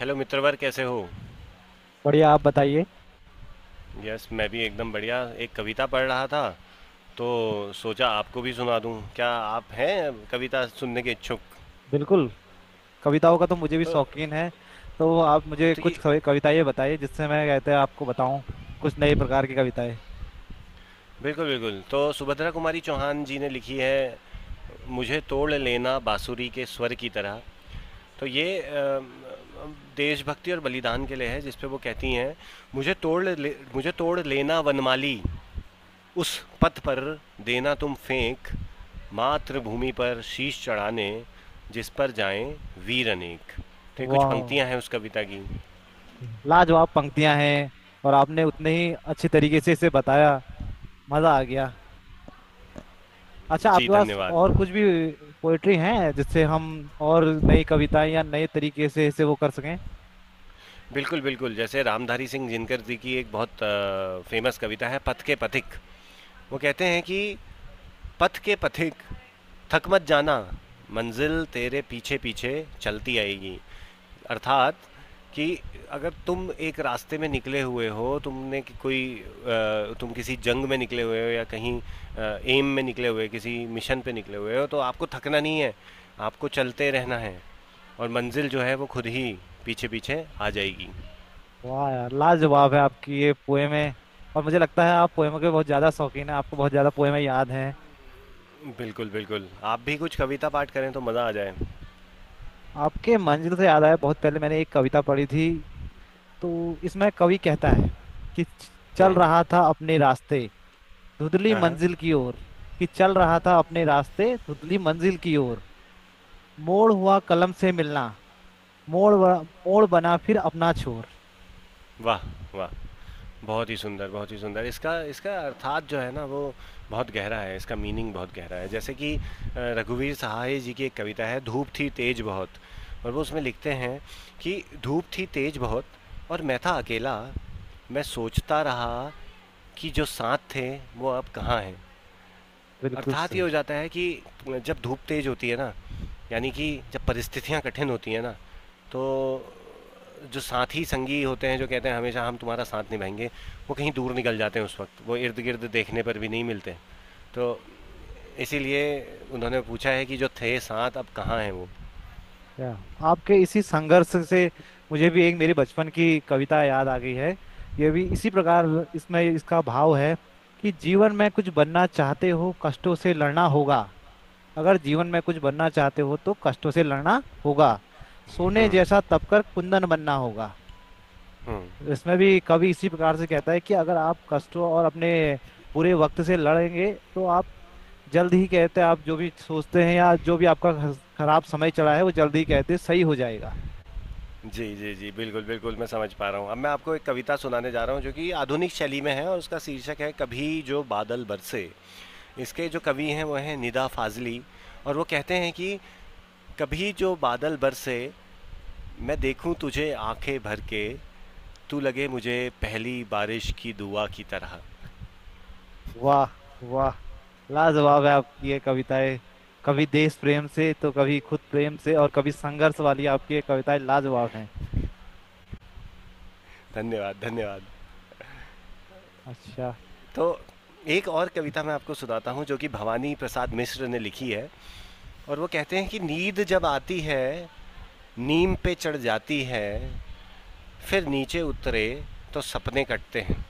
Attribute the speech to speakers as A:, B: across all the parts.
A: Hello मित्रवर, कैसे हो?
B: बढ़िया। आप बताइए।
A: यस, मैं भी एकदम बढ़िया। एक कविता पढ़ रहा था, तो सोचा आपको भी सुना दूं। क्या आप हैं कविता सुनने के इच्छुक?
B: बिल्कुल। कविताओं का तो मुझे भी
A: तो
B: शौकीन है। तो आप मुझे कुछ
A: ठीक।
B: कविताएं बताइए, जिससे मैं कहते हैं आपको बताऊं। कुछ नए प्रकार की कविताएं।
A: बिल्कुल बिल्कुल, तो सुभद्रा कुमारी चौहान जी ने लिखी है मुझे तोड़ लेना बांसुरी के स्वर की तरह। तो ये देशभक्ति और बलिदान के लिए है, जिस पे वो कहती हैं मुझे तोड़ ले, मुझे तोड़ लेना वनमाली, उस पथ पर देना तुम फेंक, मातृभूमि पर शीश चढ़ाने जिस पर जाएं वीर अनेक। तो ये कुछ
B: वाह,
A: पंक्तियां हैं उस कविता की।
B: लाजवाब पंक्तियां हैं, और आपने उतने ही अच्छे तरीके से इसे बताया। मजा आ गया। अच्छा,
A: जी
B: आपके पास
A: धन्यवाद।
B: और कुछ भी पोएट्री है, जिससे हम और नई कविताएं या नए तरीके से इसे वो कर सकें?
A: बिल्कुल बिल्कुल, जैसे रामधारी सिंह जिनकर जी की एक बहुत फेमस कविता है पथ के पथिक। वो कहते हैं कि पथ के पथिक, थक मत जाना, मंजिल तेरे पीछे पीछे चलती आएगी। अर्थात कि अगर तुम एक रास्ते में निकले हुए हो, तुमने कि- कोई अ, तुम किसी जंग में निकले हुए हो या कहीं एम में निकले हुए, किसी मिशन पे निकले हुए हो, तो आपको थकना नहीं है। आपको चलते रहना है और मंजिल जो है वो खुद ही पीछे पीछे आ जाएगी।
B: वाह यार, लाजवाब है आपकी ये पोएमें। और मुझे लगता है आप पोएमों के बहुत ज्यादा शौकीन है, आपको बहुत ज्यादा पोएमें याद हैं।
A: बिल्कुल बिल्कुल, आप भी कुछ कविता पाठ करें तो मज़ा आ जाए।
B: आपके मंजिल से याद आया, बहुत पहले मैंने एक कविता पढ़ी थी। तो इसमें कवि कहता है कि चल
A: हम्म,
B: रहा था अपने रास्ते धुंधली
A: हाँ हाँ।
B: मंजिल की ओर। कि चल रहा था अपने रास्ते धुंधली मंजिल की ओर, मोड़ हुआ कलम से मिलना, मोड़ मोड़ बना फिर अपना छोर।
A: वाह वाह, बहुत ही सुंदर, बहुत ही सुंदर। इसका इसका अर्थात जो है ना वो बहुत गहरा है, इसका मीनिंग बहुत गहरा है। जैसे कि रघुवीर सहाय जी की एक कविता है धूप थी तेज बहुत, और वो उसमें लिखते हैं कि धूप थी तेज बहुत और मैं था अकेला, मैं सोचता रहा कि जो साथ थे वो अब कहाँ हैं।
B: बिल्कुल
A: अर्थात ये
B: सही।
A: हो जाता है कि जब धूप तेज होती है ना, यानी कि जब परिस्थितियाँ कठिन होती हैं ना, तो जो साथी संगी होते हैं जो कहते हैं हमेशा हम तुम्हारा साथ निभाएंगे, वो कहीं दूर निकल जाते हैं। उस वक्त वो इर्द गिर्द देखने पर भी नहीं मिलते। तो इसीलिए उन्होंने पूछा है कि जो थे साथ, अब कहाँ हैं वो।
B: या, आपके इसी संघर्ष से मुझे भी एक मेरी बचपन की कविता याद आ गई है। ये भी इसी प्रकार, इसमें इसका भाव है कि जीवन में कुछ बनना चाहते हो, कष्टों से लड़ना होगा। अगर जीवन में कुछ बनना चाहते हो तो कष्टों से लड़ना होगा, सोने
A: हम्म।
B: जैसा तपकर कुंदन बनना होगा।
A: हम्म।
B: इसमें भी कवि इसी प्रकार से कहता है कि अगर आप कष्टों और अपने बुरे वक्त से लड़ेंगे, तो आप जल्द ही, कहते हैं, आप जो भी सोचते हैं या जो भी आपका खराब समय चला है, वो जल्द ही कहते हैं सही हो जाएगा।
A: जी जी जी, बिल्कुल बिल्कुल, मैं समझ पा रहा हूँ। अब मैं आपको एक कविता सुनाने जा रहा हूँ, जो कि आधुनिक शैली में है और उसका शीर्षक है कभी जो बादल बरसे। इसके जो कवि हैं वो हैं निदा फाजली। और वो कहते हैं कि कभी जो बादल बरसे, मैं देखूं तुझे आंखें भर के, तू लगे मुझे पहली बारिश की दुआ की तरह।
B: वाह, वाह। लाजवाब है आपकी ये कविताएं। कभी देश प्रेम से तो कभी खुद प्रेम से और कभी संघर्ष वाली, आपकी ये कविताएं लाजवाब हैं।
A: धन्यवाद धन्यवाद।
B: अच्छा।
A: तो एक और कविता मैं आपको सुनाता हूँ, जो कि भवानी प्रसाद मिश्र ने लिखी है। और वो कहते हैं कि नींद जब आती है नीम पे चढ़ जाती है, फिर नीचे उतरे तो सपने कटते हैं।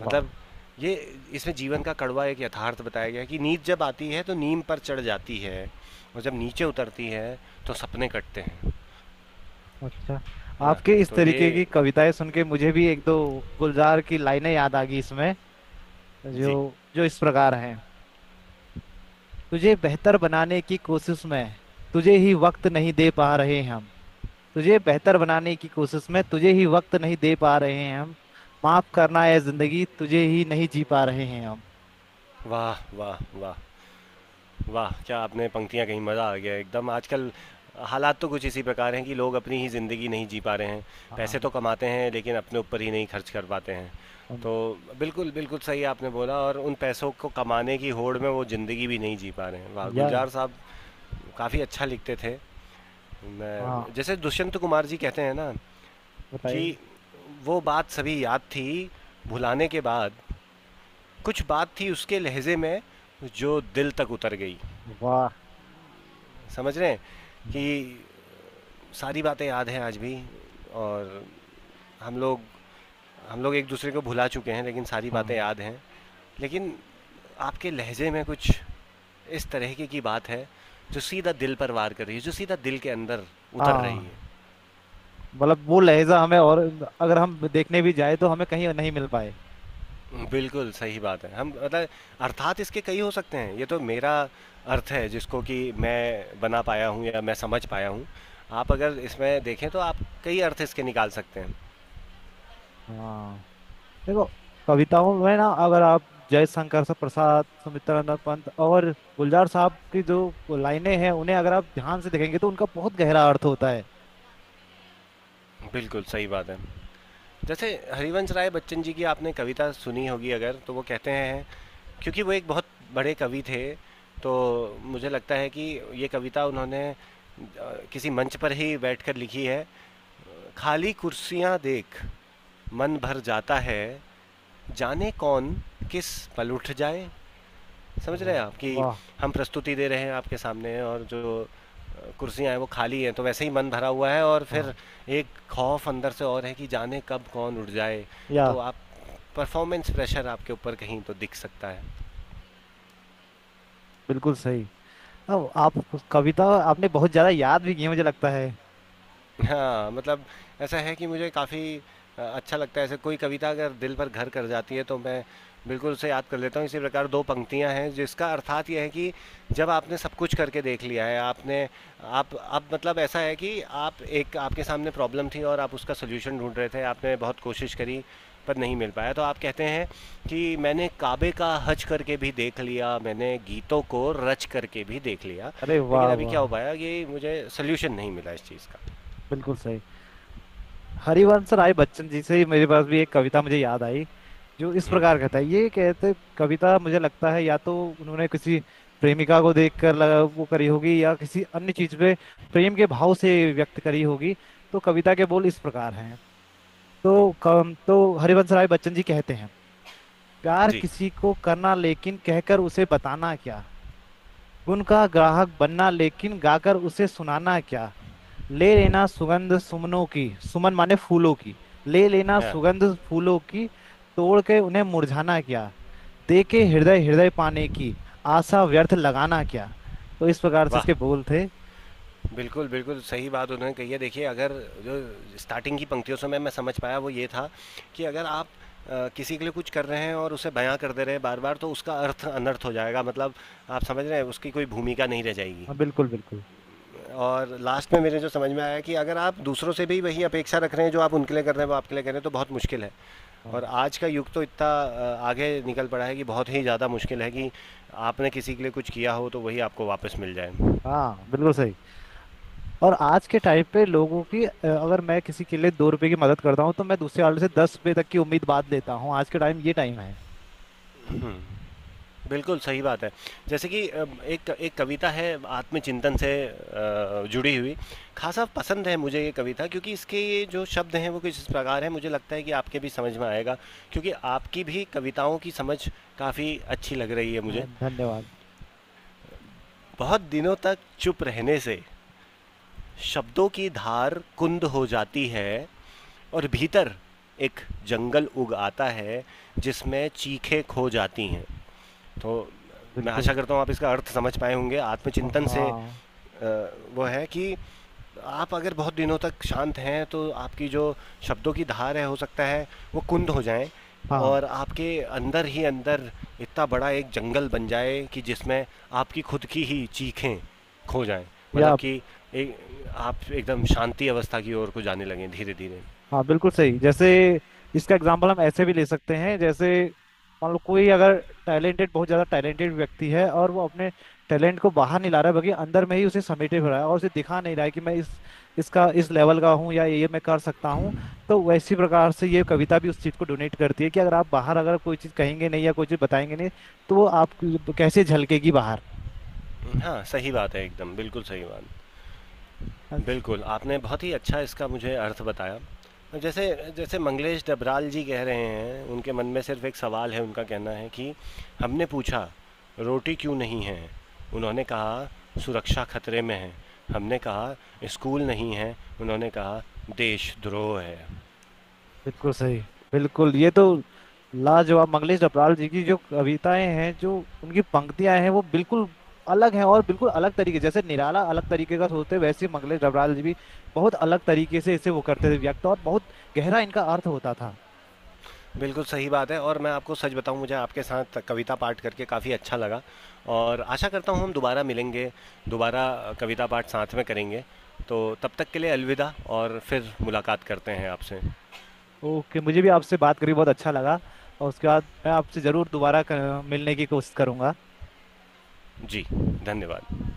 B: वाह।
A: मतलब ये, इसमें जीवन का कड़वा एक यथार्थ बताया गया है कि नींद जब आती है तो नीम पर चढ़ जाती है, और जब नीचे उतरती है तो सपने कटते हैं।
B: अच्छा,
A: है ना।
B: आपके इस
A: तो ये।
B: तरीके की कविताएं सुन के मुझे भी एक दो गुलजार की लाइनें याद आ गई इसमें,
A: जी।
B: जो जो इस प्रकार हैं। तुझे बेहतर बनाने की कोशिश में, तुझे ही वक्त नहीं दे पा रहे हम। तुझे बेहतर बनाने की कोशिश में, तुझे ही वक्त नहीं दे पा रहे हैं हम। माफ करना है जिंदगी, तुझे ही नहीं जी पा रहे हैं हम।
A: वाह वाह वाह। वाह, क्या आपने पंक्तियाँ कहीं, मज़ा आ गया। एकदम आजकल हालात तो कुछ इसी प्रकार हैं कि लोग अपनी ही ज़िंदगी नहीं जी पा रहे हैं। पैसे
B: हाँ।
A: तो कमाते हैं लेकिन अपने ऊपर ही नहीं खर्च कर पाते हैं।
B: हम-
A: तो बिल्कुल बिल्कुल सही आपने बोला, और उन पैसों को कमाने की होड़ में वो ज़िंदगी भी नहीं जी पा रहे हैं। वाह
B: या।
A: गुलजार साहब काफ़ी अच्छा लिखते थे।
B: हाँ,
A: मैं जैसे दुष्यंत कुमार जी कहते हैं ना कि
B: बताइए।
A: वो बात सभी याद थी भुलाने के बाद, कुछ बात थी उसके लहजे में जो दिल तक उतर गई।
B: वाह।
A: समझ रहे हैं
B: हम्म।
A: कि सारी बातें याद हैं आज भी, और हम लोग एक दूसरे को भुला चुके हैं लेकिन सारी बातें
B: हाँ,
A: याद हैं। लेकिन आपके लहजे में कुछ इस तरीके की बात है जो सीधा दिल पर वार कर रही है, जो सीधा दिल के अंदर उतर रही
B: हाँ।
A: है।
B: मतलब वो लहजा हमें, और अगर हम देखने भी जाए तो हमें कहीं नहीं मिल पाए।
A: बिल्कुल, सही बात है। हम मतलब अर्थात इसके कई हो सकते हैं। ये तो मेरा अर्थ है जिसको कि मैं बना पाया हूँ या मैं समझ पाया हूँ। आप अगर इसमें देखें तो आप कई अर्थ इसके निकाल सकते हैं।
B: हाँ, देखो, कविताओं में ना, अगर आप जयशंकर प्रसाद, सुमित्रानंद पंत और गुलजार साहब की जो लाइनें हैं, उन्हें अगर आप ध्यान से देखेंगे तो उनका बहुत गहरा अर्थ होता है।
A: बिल्कुल, सही बात है। जैसे हरिवंश राय बच्चन जी की आपने कविता सुनी होगी अगर, तो वो कहते हैं, क्योंकि वो एक बहुत बड़े कवि थे, तो मुझे लगता है कि ये कविता उन्होंने किसी मंच पर ही बैठकर लिखी है। खाली कुर्सियाँ देख मन भर जाता है, जाने कौन किस पल उठ जाए। समझ रहे
B: वाह,
A: हैं आप कि
B: वाह।
A: हम प्रस्तुति दे रहे हैं आपके सामने, और जो कुर्सियां हैं वो खाली हैं, तो वैसे ही मन भरा हुआ है और फिर
B: हाँ।
A: एक खौफ अंदर से और है कि जाने कब कौन उठ जाए।
B: या।
A: तो आप परफॉर्मेंस प्रेशर आपके ऊपर कहीं तो दिख सकता है।
B: बिल्कुल सही। हाँ, आप उस कविता, आपने बहुत ज्यादा याद भी की है, मुझे लगता है।
A: हाँ, मतलब ऐसा है कि मुझे काफ़ी अच्छा लगता है। ऐसे कोई कविता अगर दिल पर घर कर जाती है तो मैं बिल्कुल उसे याद कर लेता हूँ। इसी प्रकार 2 पंक्तियाँ हैं जिसका अर्थात ये है कि जब आपने सब कुछ करके देख लिया है, आपने, आप अब मतलब ऐसा है कि आप, एक आपके सामने प्रॉब्लम थी और आप उसका सॉल्यूशन ढूँढ रहे थे, आपने बहुत कोशिश करी पर नहीं मिल पाया। तो आप कहते हैं कि मैंने काबे का हज करके भी देख लिया, मैंने गीतों को रच करके भी देख लिया,
B: अरे
A: लेकिन
B: वाह,
A: अभी क्या
B: वाह।
A: हो पाया कि मुझे सॉल्यूशन नहीं मिला इस चीज़ का।
B: बिल्कुल सही। हरिवंश राय बच्चन जी से ही मेरे पास भी एक कविता मुझे याद आई, जो इस
A: हम्म,
B: प्रकार का था। ये कहते कविता, मुझे लगता है, या तो उन्होंने किसी प्रेमिका को देखकर लगा वो करी होगी, या किसी अन्य चीज पे प्रेम के भाव से व्यक्त करी होगी। तो कविता के बोल इस प्रकार हैं। तो कम तो हरिवंश राय बच्चन जी कहते हैं, प्यार
A: जी।
B: किसी को करना, लेकिन कहकर उसे बताना क्या। गुण का ग्राहक बनना, लेकिन गाकर उसे सुनाना क्या। ले लेना सुगंध सुमनों की, सुमन माने फूलों की, ले लेना
A: हाँ
B: सुगंध फूलों की, तोड़ के उन्हें मुरझाना क्या। दे के हृदय हृदय पाने की आशा व्यर्थ लगाना क्या। तो इस प्रकार से
A: वाह,
B: इसके बोल थे।
A: बिल्कुल बिल्कुल सही बात उन्होंने कही है। देखिए, अगर जो स्टार्टिंग की पंक्तियों से मैं समझ पाया वो ये था कि अगर आप किसी के लिए कुछ कर रहे हैं और उसे बयां कर दे रहे हैं बार बार, तो उसका अर्थ अनर्थ हो जाएगा। मतलब, आप समझ रहे हैं, उसकी कोई भूमिका नहीं रह जाएगी।
B: हाँ, बिल्कुल, बिल्कुल।
A: और लास्ट में मेरे जो समझ में आया कि अगर आप दूसरों से भी वही अपेक्षा रख रहे हैं जो आप उनके लिए कर रहे हैं वो आपके लिए कर रहे हैं, तो बहुत मुश्किल है।
B: हाँ।
A: और आज का युग तो इतना आगे निकल पड़ा है कि बहुत ही ज़्यादा मुश्किल है कि आपने किसी के लिए कुछ किया हो तो वही आपको वापस मिल जाए।
B: हाँ, बिल्कुल सही। और आज के टाइम पे लोगों की, अगर मैं किसी के लिए 2 रुपए की मदद करता हूँ तो मैं दूसरे वाले से 10 रुपए तक की उम्मीद बांध लेता हूँ। आज के टाइम, ये टाइम है।
A: बिल्कुल सही बात है। जैसे कि एक एक कविता है आत्मचिंतन से जुड़ी हुई। खासा पसंद है मुझे ये कविता, क्योंकि इसके ये जो शब्द हैं वो कुछ इस प्रकार हैं, मुझे लगता है कि आपके भी समझ में आएगा, क्योंकि आपकी भी कविताओं की समझ काफ़ी अच्छी लग रही है
B: हाँ,
A: मुझे।
B: धन्यवाद।
A: बहुत दिनों तक चुप रहने से शब्दों की धार कुंद हो जाती है, और भीतर एक जंगल उग आता है जिसमें चीखें खो जाती हैं। तो मैं
B: बिल्कुल।
A: आशा करता हूँ आप इसका अर्थ समझ पाए होंगे।
B: हाँ,
A: आत्मचिंतन से
B: हाँ।
A: वो है कि आप अगर बहुत दिनों तक शांत हैं तो आपकी जो शब्दों की धार है, हो सकता है वो कुंद हो जाए,
B: हाँ,
A: और आपके अंदर ही अंदर इतना बड़ा एक जंगल बन जाए कि जिसमें आपकी खुद की ही चीखें खो जाएं।
B: या।
A: मतलब कि एक, आप एकदम शांति अवस्था की ओर को जाने लगें धीरे धीरे।
B: हाँ, बिल्कुल सही। जैसे, इसका एग्जाम्पल हम ऐसे भी ले सकते हैं, जैसे मान लो कोई अगर टैलेंटेड, बहुत ज़्यादा टैलेंटेड व्यक्ति है और वो अपने टैलेंट को बाहर नहीं ला रहा है, बल्कि अंदर में ही उसे समेटे हुए रहा है और उसे दिखा नहीं रहा है कि मैं इस इसका, इस लेवल का हूँ या ये मैं कर सकता हूँ, तो वैसी प्रकार से ये कविता भी उस चीज़ को डोनेट करती है कि अगर आप बाहर अगर कोई चीज़ कहेंगे नहीं, या कोई चीज़ बताएंगे नहीं, तो वो आप कैसे झलकेगी बाहर।
A: हाँ सही बात है, एकदम बिल्कुल सही बात। बिल्कुल, आपने बहुत ही अच्छा इसका मुझे अर्थ बताया। जैसे जैसे मंगलेश डबराल जी कह रहे हैं, उनके मन में सिर्फ़ एक सवाल है, उनका कहना है कि हमने पूछा, रोटी क्यों नहीं है? उन्होंने कहा, सुरक्षा खतरे में है। हमने कहा, स्कूल नहीं है। उन्होंने कहा, देशद्रोह है।
B: बिल्कुल सही। बिल्कुल, ये तो लाजवाब, मंगलेश डबराल जी की जो कविताएं हैं, जो उनकी पंक्तियां हैं, वो बिल्कुल अलग हैं और बिल्कुल अलग तरीके, जैसे निराला अलग तरीके का सोचते हैं, वैसे ही मंगलेश डबराल जी भी बहुत अलग तरीके से इसे वो करते थे व्यक्त, और बहुत गहरा इनका अर्थ होता था।
A: बिल्कुल सही बात है, और मैं आपको सच बताऊं, मुझे आपके साथ कविता पाठ करके काफ़ी अच्छा लगा, और आशा करता हूं हम दोबारा मिलेंगे, दोबारा कविता पाठ साथ में करेंगे। तो तब तक के लिए अलविदा, और फिर मुलाकात करते हैं आपसे।
B: ओके, मुझे भी आपसे बात करके बहुत अच्छा लगा, और उसके बाद मैं आपसे जरूर दोबारा मिलने की कोशिश करूंगा।
A: जी धन्यवाद।